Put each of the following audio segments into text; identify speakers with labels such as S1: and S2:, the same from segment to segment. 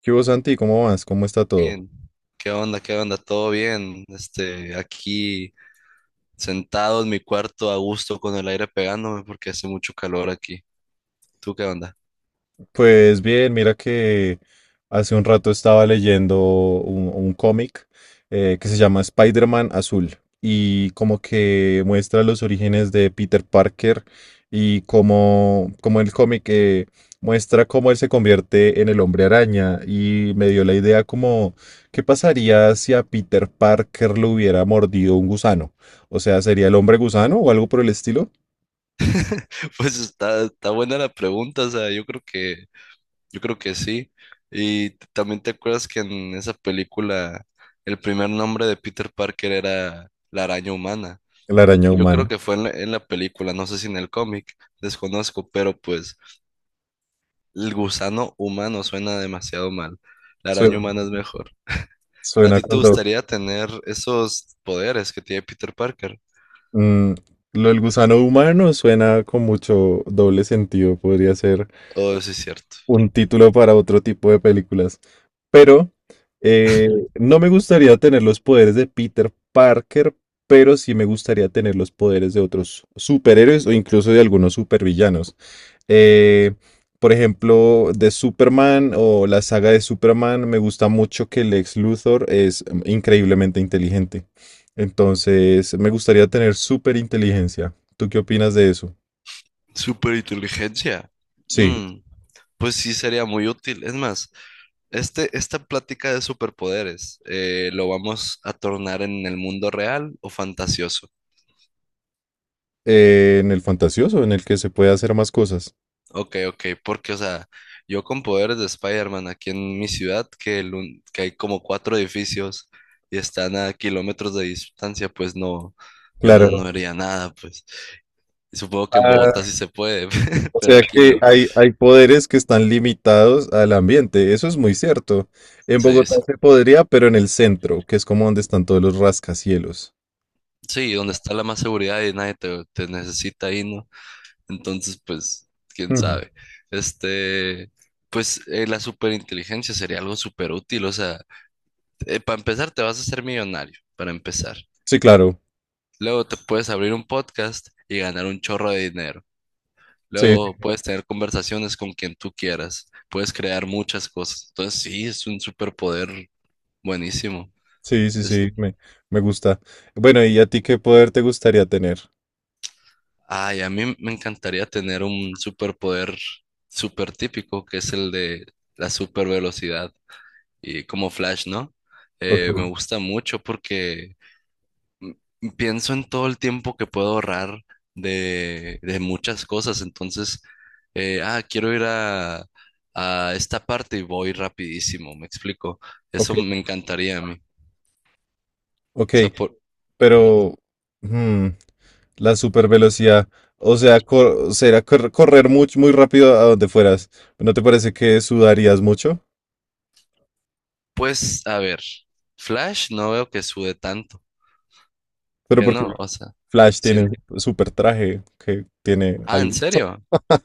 S1: ¿Qué hubo, Santi? ¿Cómo vas? ¿Cómo está todo?
S2: Bien. ¿Qué onda? ¿Qué onda? ¿Todo bien? Aquí sentado en mi cuarto a gusto con el aire pegándome porque hace mucho calor aquí. ¿Tú qué onda?
S1: Pues bien, mira que hace un rato estaba leyendo un cómic que se llama Spider-Man Azul y como que muestra los orígenes de Peter Parker y como el cómic muestra cómo él se convierte en el hombre araña y me dio la idea como, ¿qué pasaría si a Peter Parker lo hubiera mordido un gusano? O sea, ¿sería el hombre gusano o algo por el estilo?
S2: Pues está buena la pregunta, o sea, yo creo que sí. Y también te acuerdas que en esa película el primer nombre de Peter Parker era la araña humana.
S1: La araña
S2: Yo creo
S1: humana.
S2: que fue en la película, no sé si en el cómic, desconozco, pero pues el gusano humano suena demasiado mal. La araña humana es mejor. ¿A
S1: Suena
S2: ti te
S1: cuando...
S2: gustaría tener esos poderes que tiene Peter Parker?
S1: mm, lo del gusano humano suena con mucho doble sentido. Podría ser
S2: Oh, sí es cierto.
S1: un título para otro tipo de películas. Pero no me gustaría tener los poderes de Peter Parker, pero sí me gustaría tener los poderes de otros superhéroes o incluso de algunos supervillanos. Eh, por ejemplo, de Superman o la saga de Superman, me gusta mucho que Lex Luthor es increíblemente inteligente. Entonces, me gustaría tener súper inteligencia. ¿Tú qué opinas de eso?
S2: Superinteligencia.
S1: Sí,
S2: Mm, pues sí sería muy útil. Es más, esta plática de superpoderes, ¿lo vamos a tornar en el mundo real o fantasioso?
S1: en el fantasioso, en el que se puede hacer más cosas.
S2: Ok, ok, porque, o sea, yo con poderes de Spider-Man aquí en mi ciudad, que, que hay como cuatro edificios y están a kilómetros de distancia, pues no, yo no, no
S1: Claro.
S2: haría nada, pues. Supongo que en Bogotá
S1: Ah,
S2: sí se puede,
S1: o
S2: pero
S1: sea
S2: aquí
S1: que
S2: no.
S1: hay poderes que están limitados al ambiente. Eso es muy cierto. En
S2: Sí,
S1: Bogotá
S2: sí,
S1: se podría, pero en el centro, que es como donde están todos los rascacielos.
S2: sí, donde está la más seguridad y nadie te necesita ahí, ¿no? Entonces, pues, quién
S1: Ujú.
S2: sabe. Este, pues, la superinteligencia sería algo súper útil. O sea, para empezar, te vas a hacer millonario, para empezar.
S1: Sí, claro.
S2: Luego te puedes abrir un podcast y ganar un chorro de dinero.
S1: Sí.
S2: Luego puedes tener conversaciones con quien tú quieras. Puedes crear muchas cosas. Entonces, sí, es un superpoder buenísimo.
S1: Sí, sí,
S2: Es-
S1: sí, me gusta. Bueno, ¿y a ti qué poder te gustaría tener?
S2: Ay, a mí me encantaría tener un superpoder súper típico, que es el de la super velocidad y como Flash, ¿no? Me
S1: Ok,
S2: gusta mucho porque pienso en todo el tiempo que puedo ahorrar de muchas cosas. Entonces, quiero ir a esta parte y voy rapidísimo, ¿me explico?
S1: ok,
S2: Eso me encantaría a mí.
S1: ok,
S2: O sea, por-
S1: pero hmm, la supervelocidad, o sea, correr muy, muy rápido a donde fueras. ¿No te parece que sudarías mucho?
S2: pues, a ver, Flash no veo que sube tanto,
S1: Pero
S2: que
S1: porque
S2: no, o sea.
S1: Flash tiene un super traje que tiene
S2: Ah, ¿en
S1: algo,
S2: serio?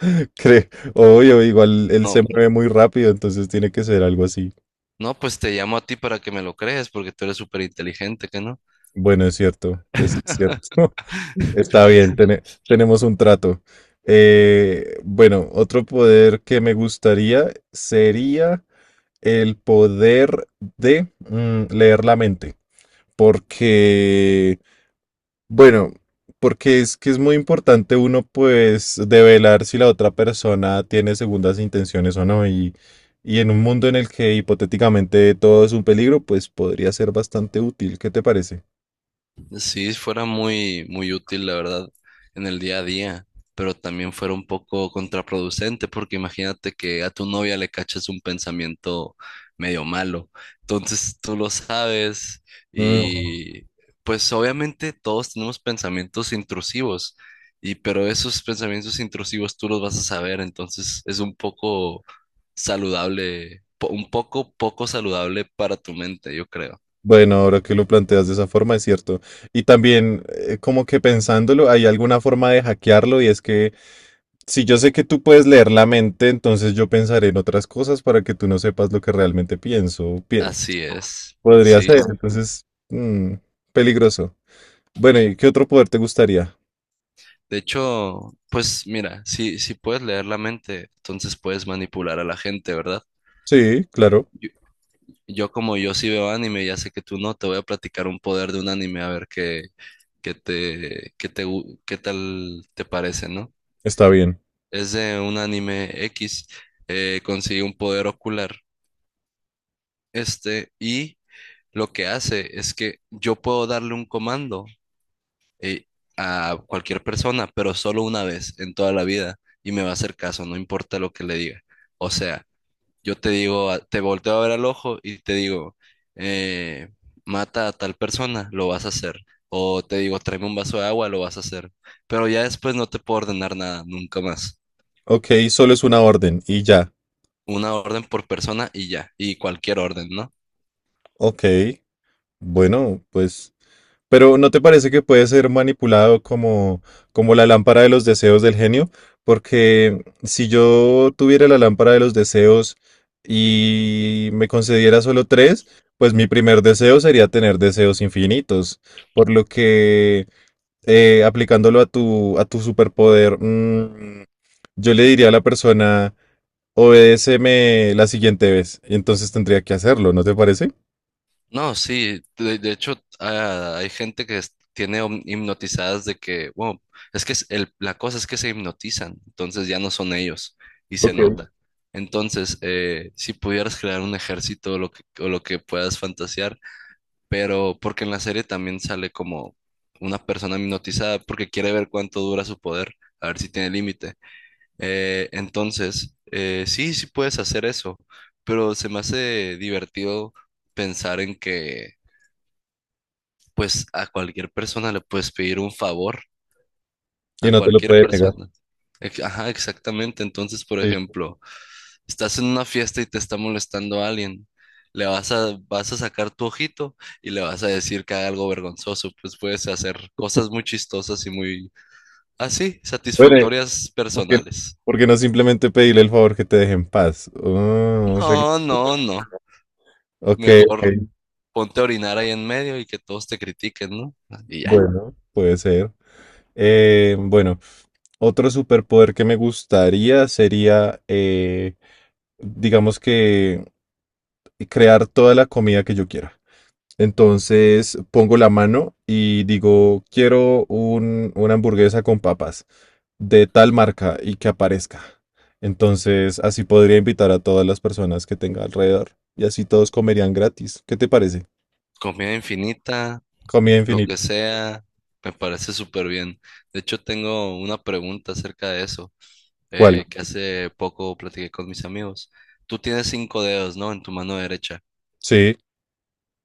S1: creo, obvio, igual él
S2: No,
S1: se mueve muy rápido, entonces tiene que ser algo así.
S2: no, pues te llamo a ti para que me lo crees, porque tú eres súper inteligente, ¿que no?
S1: Bueno, es cierto, es cierto. Está bien, tenemos un trato. Bueno, otro poder que me gustaría sería el poder de leer la mente. Porque, bueno, porque es que es muy importante uno pues develar si la otra persona tiene segundas intenciones o no. Y en un mundo en el que hipotéticamente todo es un peligro, pues podría ser bastante útil. ¿Qué te parece?
S2: Sí, fuera muy, muy útil, la verdad, en el día a día, pero también fuera un poco contraproducente, porque imagínate que a tu novia le cachas un pensamiento medio malo. Entonces tú lo sabes
S1: Mm.
S2: y pues obviamente todos tenemos pensamientos intrusivos, y pero esos pensamientos intrusivos tú los vas a saber, entonces es un poco saludable, un poco saludable para tu mente, yo creo.
S1: Bueno, ahora que lo planteas de esa forma, es cierto. Y también, como que pensándolo, hay alguna forma de hackearlo y es que si yo sé que tú puedes leer la mente, entonces yo pensaré en otras cosas para que tú no sepas lo que realmente pienso.
S2: Así es.
S1: Podría
S2: Sí,
S1: ser,
S2: sí.
S1: entonces, mm, peligroso. Bueno, ¿y qué otro poder te gustaría?
S2: De hecho, pues mira, si puedes leer la mente, entonces puedes manipular a la gente, ¿verdad?
S1: Sí, claro,
S2: Yo, yo como yo sí veo anime, ya sé que tú no, te voy a platicar un poder de un anime a ver qué tal te parece, ¿no?
S1: está bien.
S2: Es de un anime X, consigue un poder ocular, y lo que hace es que yo puedo darle un comando eh, a cualquier persona, pero solo una vez en toda la vida y me va a hacer caso, no importa lo que le diga. O sea, yo te digo, te volteo a ver al ojo y te digo, eh, mata a tal persona, lo vas a hacer. O te digo, tráeme un vaso de agua, lo vas a hacer. Pero ya después no te puedo ordenar nada, nunca más.
S1: Ok, solo es una orden y ya.
S2: Una orden por persona y ya, y cualquier orden, ¿no?
S1: Ok, bueno, pues... Pero ¿no te parece que puede ser manipulado como, como la lámpara de los deseos del genio? Porque si yo tuviera la lámpara de los deseos y me concediera solo tres, pues mi primer deseo sería tener deseos infinitos. Por lo que aplicándolo a a tu superpoder, yo le diría a la persona... obedéceme la siguiente vez. Y entonces tendría que hacerlo, ¿no te parece?
S2: No, sí, de hecho hay gente tiene hipnotizadas de que, wow, es que la cosa es que se hipnotizan, entonces ya no son ellos y se
S1: Ok.
S2: nota. Entonces, si pudieras crear un ejército o lo que puedas fantasear, pero porque en la serie también sale como una persona hipnotizada porque quiere ver cuánto dura su poder, a ver si tiene límite. Sí, sí puedes hacer eso, pero se me hace divertido pensar en que pues a cualquier persona le puedes pedir un favor,
S1: Y
S2: a
S1: no te lo
S2: cualquier
S1: puede negar.
S2: persona. Ajá, exactamente. Entonces, por
S1: Sí.
S2: ejemplo, estás en una fiesta y te está molestando a alguien. Vas a sacar tu ojito y le vas a decir que haga algo vergonzoso. Pues puedes hacer cosas muy chistosas y muy así,
S1: Bueno,
S2: satisfactorias
S1: ¿porque
S2: personales.
S1: porque no simplemente pedirle el favor que te deje en paz? Ah, o sea que...
S2: No, no, no.
S1: ok, ok,
S2: Mejor ponte a orinar ahí en medio y que todos te critiquen, ¿no? Y ya.
S1: bueno, puede ser. Bueno, otro superpoder que me gustaría sería, digamos que, crear toda la comida que yo quiera. Entonces pongo la mano y digo, quiero una hamburguesa con papas de tal marca y que aparezca. Entonces, así podría invitar a todas las personas que tenga alrededor y así todos comerían gratis. ¿Qué te parece?
S2: Comida infinita,
S1: Comida
S2: lo que
S1: infinita.
S2: sea, me parece súper bien. De hecho, tengo una pregunta acerca de eso,
S1: ¿Cuál?
S2: que hace poco platiqué con mis amigos. Tú tienes 5 dedos, ¿no? En tu mano derecha.
S1: Sí.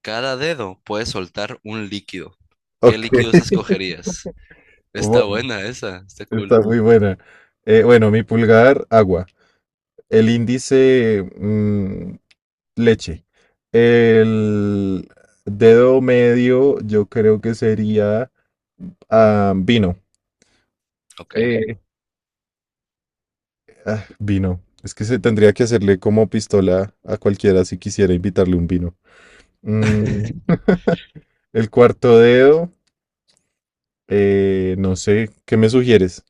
S2: Cada dedo puede soltar un líquido. ¿Qué
S1: Ok.
S2: líquidos escogerías? Está
S1: Bueno,
S2: buena esa, está
S1: está
S2: cool.
S1: muy buena. Bueno, mi pulgar, agua. El índice, leche. El dedo medio, yo creo que sería vino.
S2: Ok.
S1: Ah, vino. Es que se tendría que hacerle como pistola a cualquiera si quisiera invitarle un vino. Mm, el cuarto dedo, no sé, ¿qué me sugieres?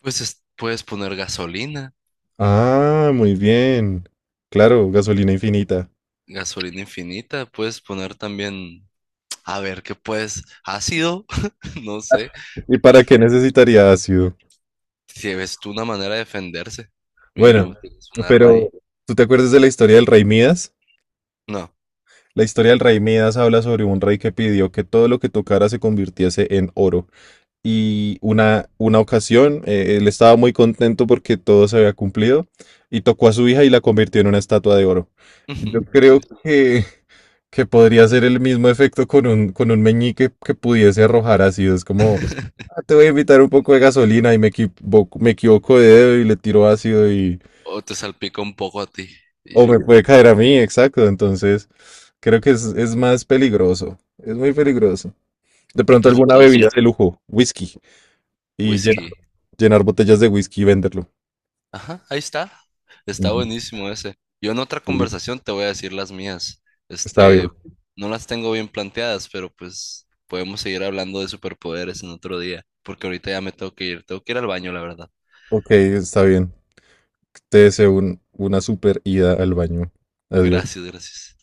S2: Puedes poner gasolina,
S1: Ah, muy bien. Claro, gasolina infinita.
S2: gasolina infinita, puedes poner también, a ver, ¿qué puedes? Ácido, no sé.
S1: ¿Y para qué necesitaría ácido?
S2: Si ves tú una manera de defenderse,
S1: Bueno,
S2: mínimo, tienes un arma
S1: pero
S2: ahí.
S1: ¿tú te acuerdas de la historia del rey Midas?
S2: No.
S1: La historia del rey Midas habla sobre un rey que pidió que todo lo que tocara se convirtiese en oro. Y una ocasión él estaba muy contento porque todo se había cumplido y tocó a su hija y la convirtió en una estatua de oro. Yo
S2: Ujú,
S1: creo
S2: sí.
S1: que podría ser el mismo efecto con con un meñique que pudiese arrojar ácido. Es como, "Ah, te voy a invitar un poco de gasolina y me equivoco de dedo y le tiro ácido y...
S2: O te salpica un poco a ti. Y
S1: O
S2: ya.
S1: me puede caer a mí, exacto. Entonces, creo que es más peligroso. Es muy peligroso. De pronto
S2: Pues
S1: alguna
S2: entonces,
S1: bebida de lujo, whisky, y
S2: whisky.
S1: llenar botellas de whisky y venderlo.
S2: Ajá, ahí está. Está
S1: Mm.
S2: buenísimo ese. Yo en otra
S1: Sí.
S2: conversación te voy a decir las mías.
S1: Está bien.
S2: Este, no las tengo bien planteadas, pero pues podemos seguir hablando de superpoderes en otro día, porque ahorita ya me tengo que ir. Tengo que ir al baño, la verdad.
S1: Ok, está bien. Te deseo una super ida al baño. Adiós.
S2: Gracias, gracias.